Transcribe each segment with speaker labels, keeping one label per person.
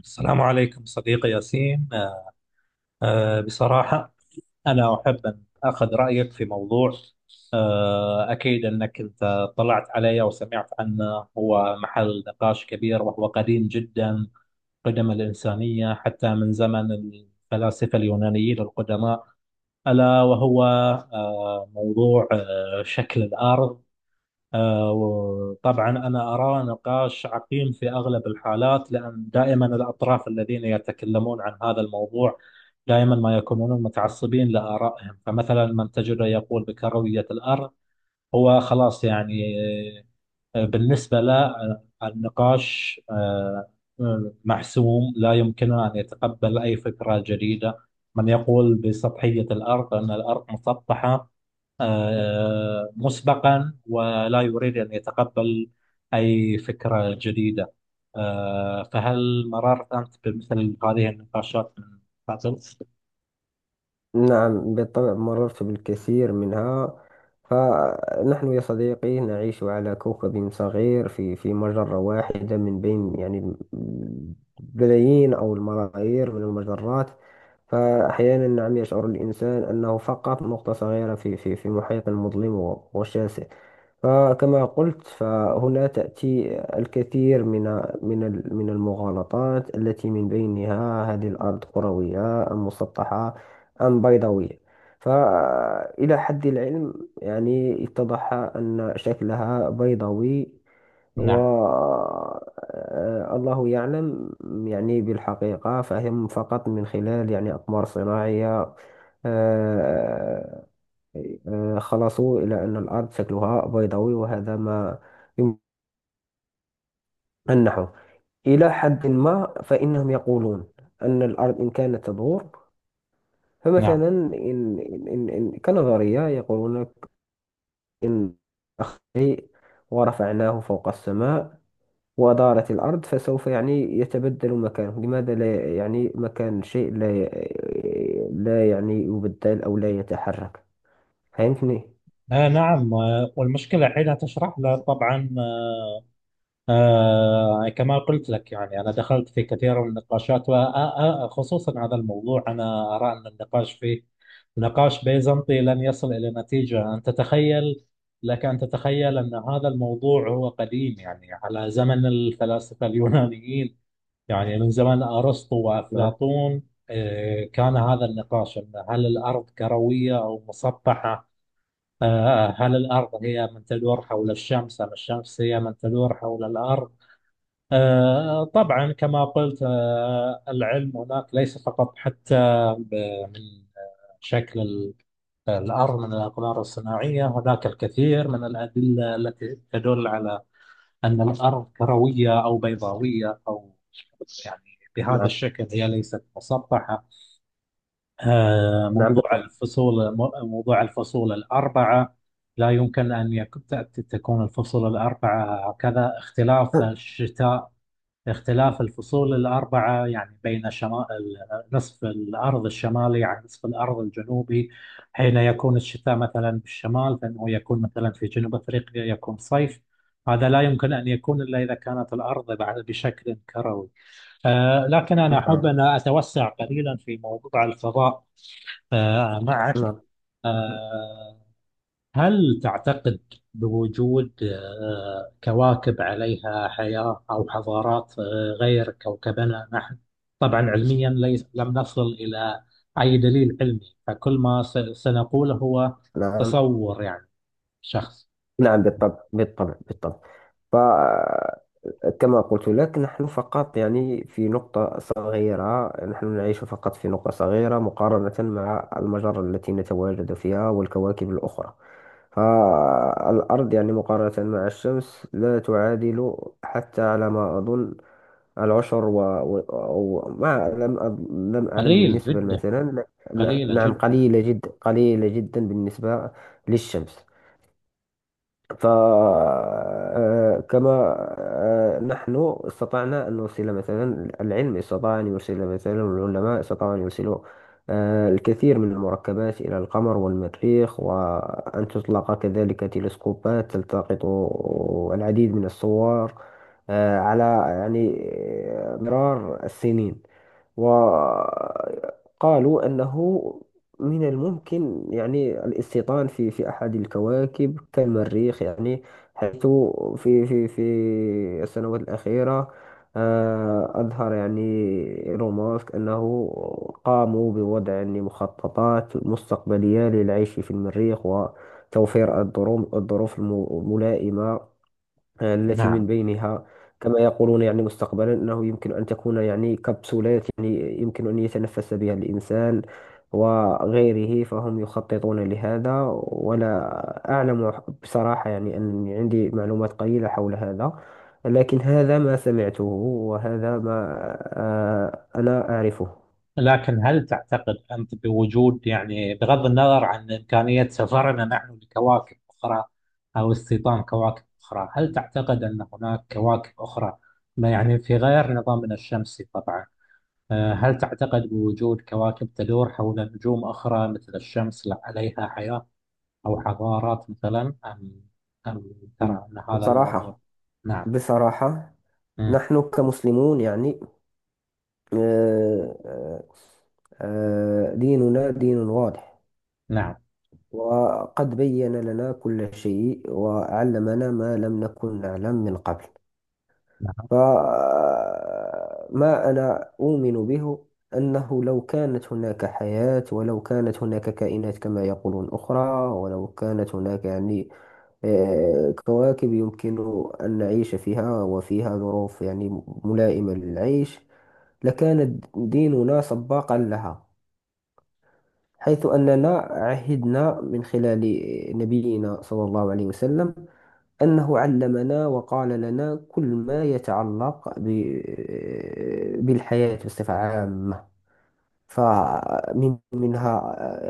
Speaker 1: السلام عليكم صديقي ياسين. بصراحة، أنا أحب أن أخذ رأيك في موضوع. أكيد أنك أنت طلعت عليه وسمعت عنه، هو محل نقاش كبير وهو قديم جدا قدم الإنسانية، حتى من زمن الفلاسفة اليونانيين القدماء، ألا وهو موضوع شكل الأرض. وطبعا أنا أراه نقاش عقيم في أغلب الحالات، لأن دائما الأطراف الذين يتكلمون عن هذا الموضوع دائما ما يكونون متعصبين لآرائهم. فمثلا من تجده يقول بكروية الأرض هو خلاص، يعني بالنسبة له النقاش محسوم، لا يمكنه أن يتقبل أي فكرة جديدة. من يقول بسطحية الأرض، أن الأرض مسطحة مسبقا، ولا يريد أن يتقبل أي فكرة جديدة. فهل مررت أنت بمثل هذه النقاشات من قبل؟
Speaker 2: نعم بالطبع مررت بالكثير منها. فنحن يا صديقي نعيش على كوكب صغير في مجرة واحدة من بين بلايين أو الملايير من المجرات. فأحيانا نعم يشعر الإنسان أنه فقط نقطة صغيرة في محيط مظلم وشاسع. فكما قلت، فهنا تأتي الكثير من المغالطات، التي من بينها هذه الأرض كروية أم مسطحة أم بيضاوية. فإلى حد العلم، اتضح أن شكلها بيضاوي. و
Speaker 1: نعم،
Speaker 2: الله يعلم. يعني بالحقيقة، فهم فقط من خلال أقمار صناعية آه، خلصوا إلى أن الأرض شكلها بيضاوي، وهذا ما يمنحه إلى حد ما. فإنهم يقولون أن الأرض إن كانت تدور،
Speaker 1: نعم.
Speaker 2: فمثلا كنظرية يقولون إن أخذ شيء ورفعناه فوق السماء ودارت الأرض، فسوف يتبدل مكانه. لماذا لا مكان الشيء لا لا يبدل أو لا يتحرك؟ فهمتني؟
Speaker 1: نعم. والمشكلة حينها تشرح له طبعا، كما قلت لك، يعني أنا دخلت في كثير من النقاشات، وخصوصا هذا الموضوع. أنا أرى أن النقاش فيه نقاش بيزنطي لن يصل إلى نتيجة. أن تتخيل، لك أن تتخيل أن هذا الموضوع هو قديم، يعني على زمن الفلاسفة اليونانيين، يعني من زمن أرسطو
Speaker 2: نعم،
Speaker 1: وأفلاطون. كان هذا النقاش، أن هل الأرض كروية أو مسطحة؟ هل الأرض هي من تدور حول الشمس، أم الشمس هي من تدور حول الأرض؟ طبعا كما قلت، العلم هناك ليس فقط حتى من شكل ال- الأرض من الأقمار الصناعية. هناك الكثير من الأدلة التي تدل على أن الأرض كروية أو بيضاوية، أو يعني بهذا
Speaker 2: نعم،
Speaker 1: الشكل، هي ليست مسطحة.
Speaker 2: نعم
Speaker 1: موضوع
Speaker 2: بالطبع.
Speaker 1: الفصول، موضوع الفصول الأربعة لا يمكن أن يكون، تكون الفصول الأربعة هكذا، اختلاف الشتاء، اختلاف الفصول الأربعة يعني بين شمال، نصف الأرض الشمالي عن نصف الأرض الجنوبي. حين يكون الشتاء مثلا في الشمال، فإنه يكون مثلا في جنوب أفريقيا يكون صيف. هذا لا يمكن أن يكون إلا إذا كانت الأرض بشكل كروي. لكن أنا أحب
Speaker 2: نعم،
Speaker 1: أن أتوسع قليلا في موضوع الفضاء. معك.
Speaker 2: نعم.
Speaker 1: آه، هل تعتقد بوجود كواكب عليها حياة أو حضارات غير كوكبنا نحن؟ طبعا علميا، ليس، لم نصل إلى أي دليل علمي. فكل ما سنقوله هو
Speaker 2: نعم،
Speaker 1: تصور، يعني شخص،
Speaker 2: نعم بالطبع، بالطبع، بالطبع. فكما قلت لك، نحن فقط في نقطة صغيرة، نحن نعيش فقط في نقطة صغيرة مقارنة مع المجرة التي نتواجد فيها والكواكب الأخرى. فالأرض مقارنة مع الشمس لا تعادل حتى على ما أظن العشر ما لم أعلم
Speaker 1: قليل
Speaker 2: النسبة
Speaker 1: جدا،
Speaker 2: مثلا.
Speaker 1: قليلة
Speaker 2: نعم،
Speaker 1: جدا.
Speaker 2: قليلة جدا، قليلة جدا بالنسبة للشمس. فكما نحن استطعنا أن نرسل، مثلا، العلم استطاع أن يرسل، مثلا، العلماء استطاعوا أن يرسلوا الكثير من المركبات إلى القمر والمريخ، وأن تطلق كذلك تلسكوبات تلتقط العديد من الصور على يعني مرار السنين. وقالوا أنه من الممكن الاستيطان في أحد الكواكب كالمريخ، يعني حيث في السنوات الأخيرة أظهر يعني إيلون ماسك أنه قاموا بوضع مخططات مستقبلية للعيش في المريخ، وتوفير الظروف الملائمة التي من
Speaker 1: نعم.
Speaker 2: بينها، كما يقولون، يعني مستقبلا، أنه يمكن أن تكون يعني كبسولات يعني يمكن أن يتنفس بها الإنسان وغيره. فهم يخططون لهذا، ولا أعلم بصراحة، يعني أن عندي معلومات قليلة حول هذا، لكن هذا ما سمعته وهذا ما أنا أعرفه.
Speaker 1: لكن هل تعتقد أنت بوجود، يعني بغض النظر عن إمكانية سفرنا نحن لكواكب أخرى أو استيطان كواكب أخرى، هل تعتقد أن هناك كواكب أخرى، ما يعني في غير نظامنا الشمسي طبعا، هل تعتقد بوجود كواكب تدور حول نجوم أخرى مثل الشمس، لا عليها حياة أو حضارات مثلا؟ أم ترى أن هذا الموضوع؟
Speaker 2: بصراحة،
Speaker 1: نعم.
Speaker 2: بصراحة،
Speaker 1: مم.
Speaker 2: نحن كمسلمون، يعني آه، آه، ديننا دين واضح،
Speaker 1: نعم،
Speaker 2: وقد بين لنا كل شيء وعلمنا ما لم نكن نعلم من قبل.
Speaker 1: نعم.
Speaker 2: فما أنا أؤمن به أنه لو كانت هناك حياة، ولو كانت هناك كائنات كما يقولون أخرى، ولو كانت هناك يعني كواكب يمكن أن نعيش فيها وفيها ظروف يعني ملائمة للعيش، لكان ديننا سباقا لها. حيث أننا عهدنا من خلال نبينا صلى الله عليه وسلم أنه علمنا وقال لنا كل ما يتعلق بالحياة بصفة عامة. فمن منها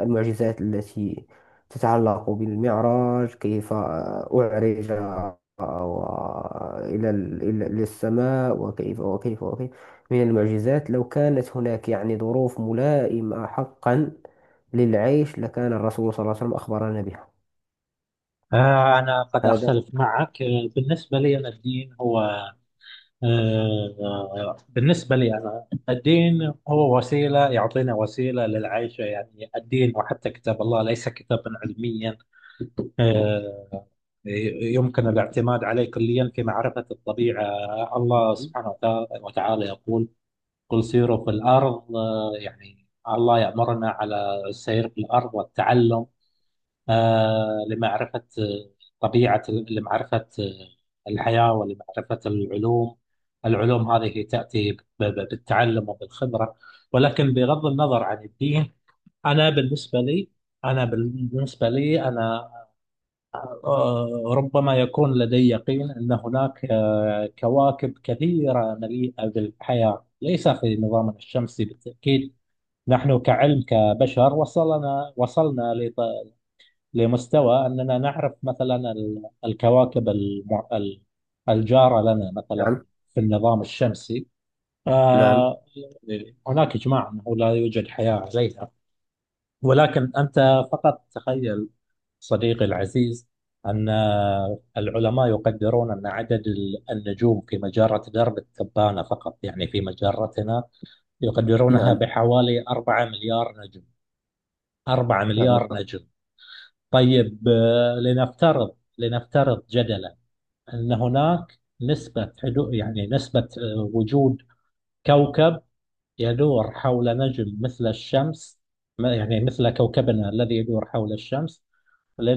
Speaker 2: المعجزات التي تتعلق بالمعراج، كيف أعرج إلى السماء، وكيف من المعجزات. لو كانت هناك يعني ظروف ملائمة حقا للعيش، لكان الرسول صلى الله عليه وسلم أخبرنا بها.
Speaker 1: أنا قد
Speaker 2: هذا.
Speaker 1: أختلف معك. بالنسبة لي أنا الدين هو وسيلة، يعطينا وسيلة للعيش. يعني الدين وحتى كتاب الله ليس كتابا علميا آه، يمكن الاعتماد عليه كليا في معرفة الطبيعة. الله سبحانه وتعالى يقول: قل سيروا في الأرض، يعني الله يأمرنا على السير في الأرض والتعلم لمعرفة طبيعة، لمعرفة الحياة، ولمعرفة العلوم. العلوم هذه تأتي بالتعلم وبالخبرة. ولكن بغض النظر عن الدين، أنا بالنسبة لي أنا بالنسبة لي أنا ربما يكون لدي يقين أن هناك كواكب كثيرة مليئة بالحياة، ليس في نظامنا الشمسي بالتأكيد. نحن كعلم كبشر وصلنا لمستوى أننا نعرف، مثلا الكواكب الجارة لنا، مثلا
Speaker 2: نعم،
Speaker 1: في النظام الشمسي.
Speaker 2: نعم،
Speaker 1: آه، هناك إجماع أنه لا يوجد حياة عليها. ولكن أنت فقط تخيل، صديقي العزيز، أن العلماء يقدرون أن عدد النجوم في مجرة درب التبانة فقط، يعني في مجرتنا، يقدرونها
Speaker 2: نعم،
Speaker 1: بحوالي 4 مليار نجم. 4
Speaker 2: نعم
Speaker 1: مليار
Speaker 2: بالطبع.
Speaker 1: نجم. طيب، لنفترض، جدلا أن هناك نسبة حدو، يعني نسبة وجود كوكب يدور حول نجم مثل الشمس، يعني مثل كوكبنا الذي يدور حول الشمس.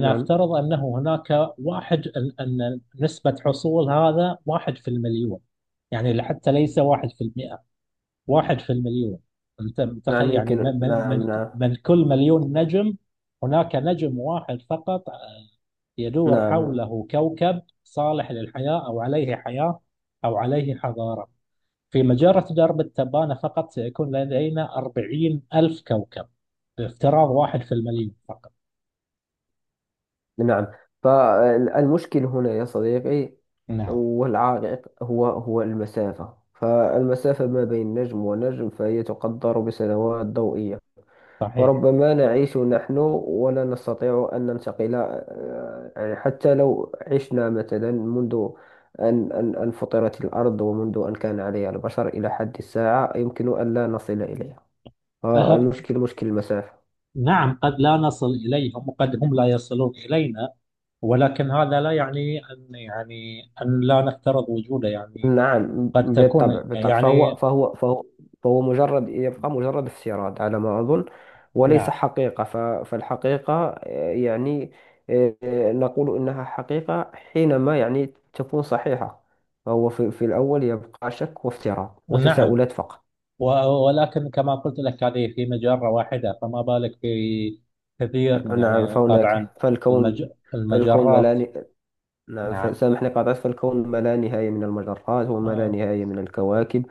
Speaker 2: نعم،
Speaker 1: أنه هناك واحد، أن نسبة حصول هذا واحد في المليون، يعني حتى ليس واحد في المئة، واحد في المليون. انت متخيل،
Speaker 2: نعم
Speaker 1: يعني
Speaker 2: يمكن،
Speaker 1: من, من, من
Speaker 2: نعم، نعم،
Speaker 1: من كل مليون نجم هناك نجم واحد فقط يدور
Speaker 2: نعم،
Speaker 1: حوله كوكب صالح للحياة، أو عليه حياة، أو عليه حضارة؟ في مجرة درب التبانة فقط سيكون لدينا 40,000 كوكب، بافتراض واحد في المليون فقط.
Speaker 2: نعم. فالمشكل هنا يا صديقي
Speaker 1: نعم،
Speaker 2: والعائق هو المسافة. فالمسافة ما بين نجم ونجم فهي تقدر بسنوات ضوئية.
Speaker 1: صحيح.
Speaker 2: فربما نعيش نحن ولا نستطيع أن ننتقل، يعني حتى لو عشنا مثلا منذ أن فطرت الأرض ومنذ أن كان عليها البشر إلى حد الساعة، يمكن أن لا نصل إليها.
Speaker 1: أه
Speaker 2: فالمشكل مشكل المسافة.
Speaker 1: نعم، قد لا نصل إليهم، وقد هم لا يصلون إلينا. ولكن هذا لا يعني أن، يعني أن لا نفترض وجوده، يعني
Speaker 2: نعم
Speaker 1: قد
Speaker 2: بالطبع،
Speaker 1: تكون
Speaker 2: بالطبع. فهو
Speaker 1: يعني.
Speaker 2: فهو فهو فهو مجرد، يبقى مجرد استيراد على ما أظن، وليس
Speaker 1: نعم،
Speaker 2: حقيقة. فالحقيقة يعني نقول إنها حقيقة حينما يعني تكون صحيحة. فهو في الأول يبقى شك وافتراء
Speaker 1: نعم.
Speaker 2: وتساؤلات فقط.
Speaker 1: و- ولكن كما قلت لك، هذه في مجرة واحدة، فما بالك في كثير من،
Speaker 2: نعم.
Speaker 1: يعني طبعا،
Speaker 2: فهناك،
Speaker 1: المج...
Speaker 2: فالكون، فالكون
Speaker 1: المجرات.
Speaker 2: ملاني. نعم،
Speaker 1: نعم.
Speaker 2: فسامحني قاطعت. فالكون ما لا نهاية من المجرات وما لا
Speaker 1: آه.
Speaker 2: نهاية من الكواكب.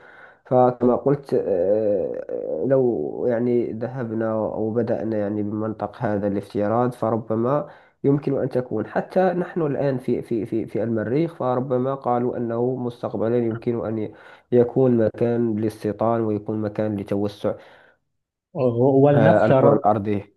Speaker 2: فكما قلت لو يعني ذهبنا أو بدأنا يعني بمنطق هذا الافتراض، فربما يمكن أن تكون حتى نحن الآن في المريخ. فربما قالوا أنه مستقبلا يمكن أن يكون مكان للاستيطان ويكون مكان لتوسع الكرة
Speaker 1: ولنفترض،
Speaker 2: الأرضية.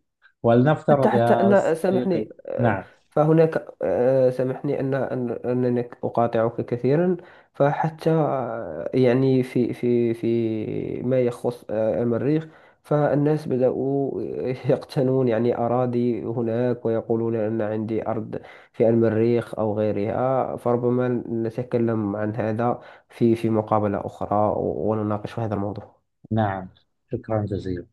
Speaker 2: حتى حتى
Speaker 1: يا
Speaker 2: أن
Speaker 1: صديقي.
Speaker 2: سامحني
Speaker 1: نعم.
Speaker 2: فهناك، سامحني أنني أقاطعك كثيرا. فحتى يعني في ما يخص المريخ، فالناس بدأوا يقتنون يعني أراضي هناك، ويقولون أن عندي أرض في المريخ أو غيرها. فربما نتكلم عن هذا في مقابلة أخرى، ونناقش هذا الموضوع.
Speaker 1: نعم، شكرا جزيلا.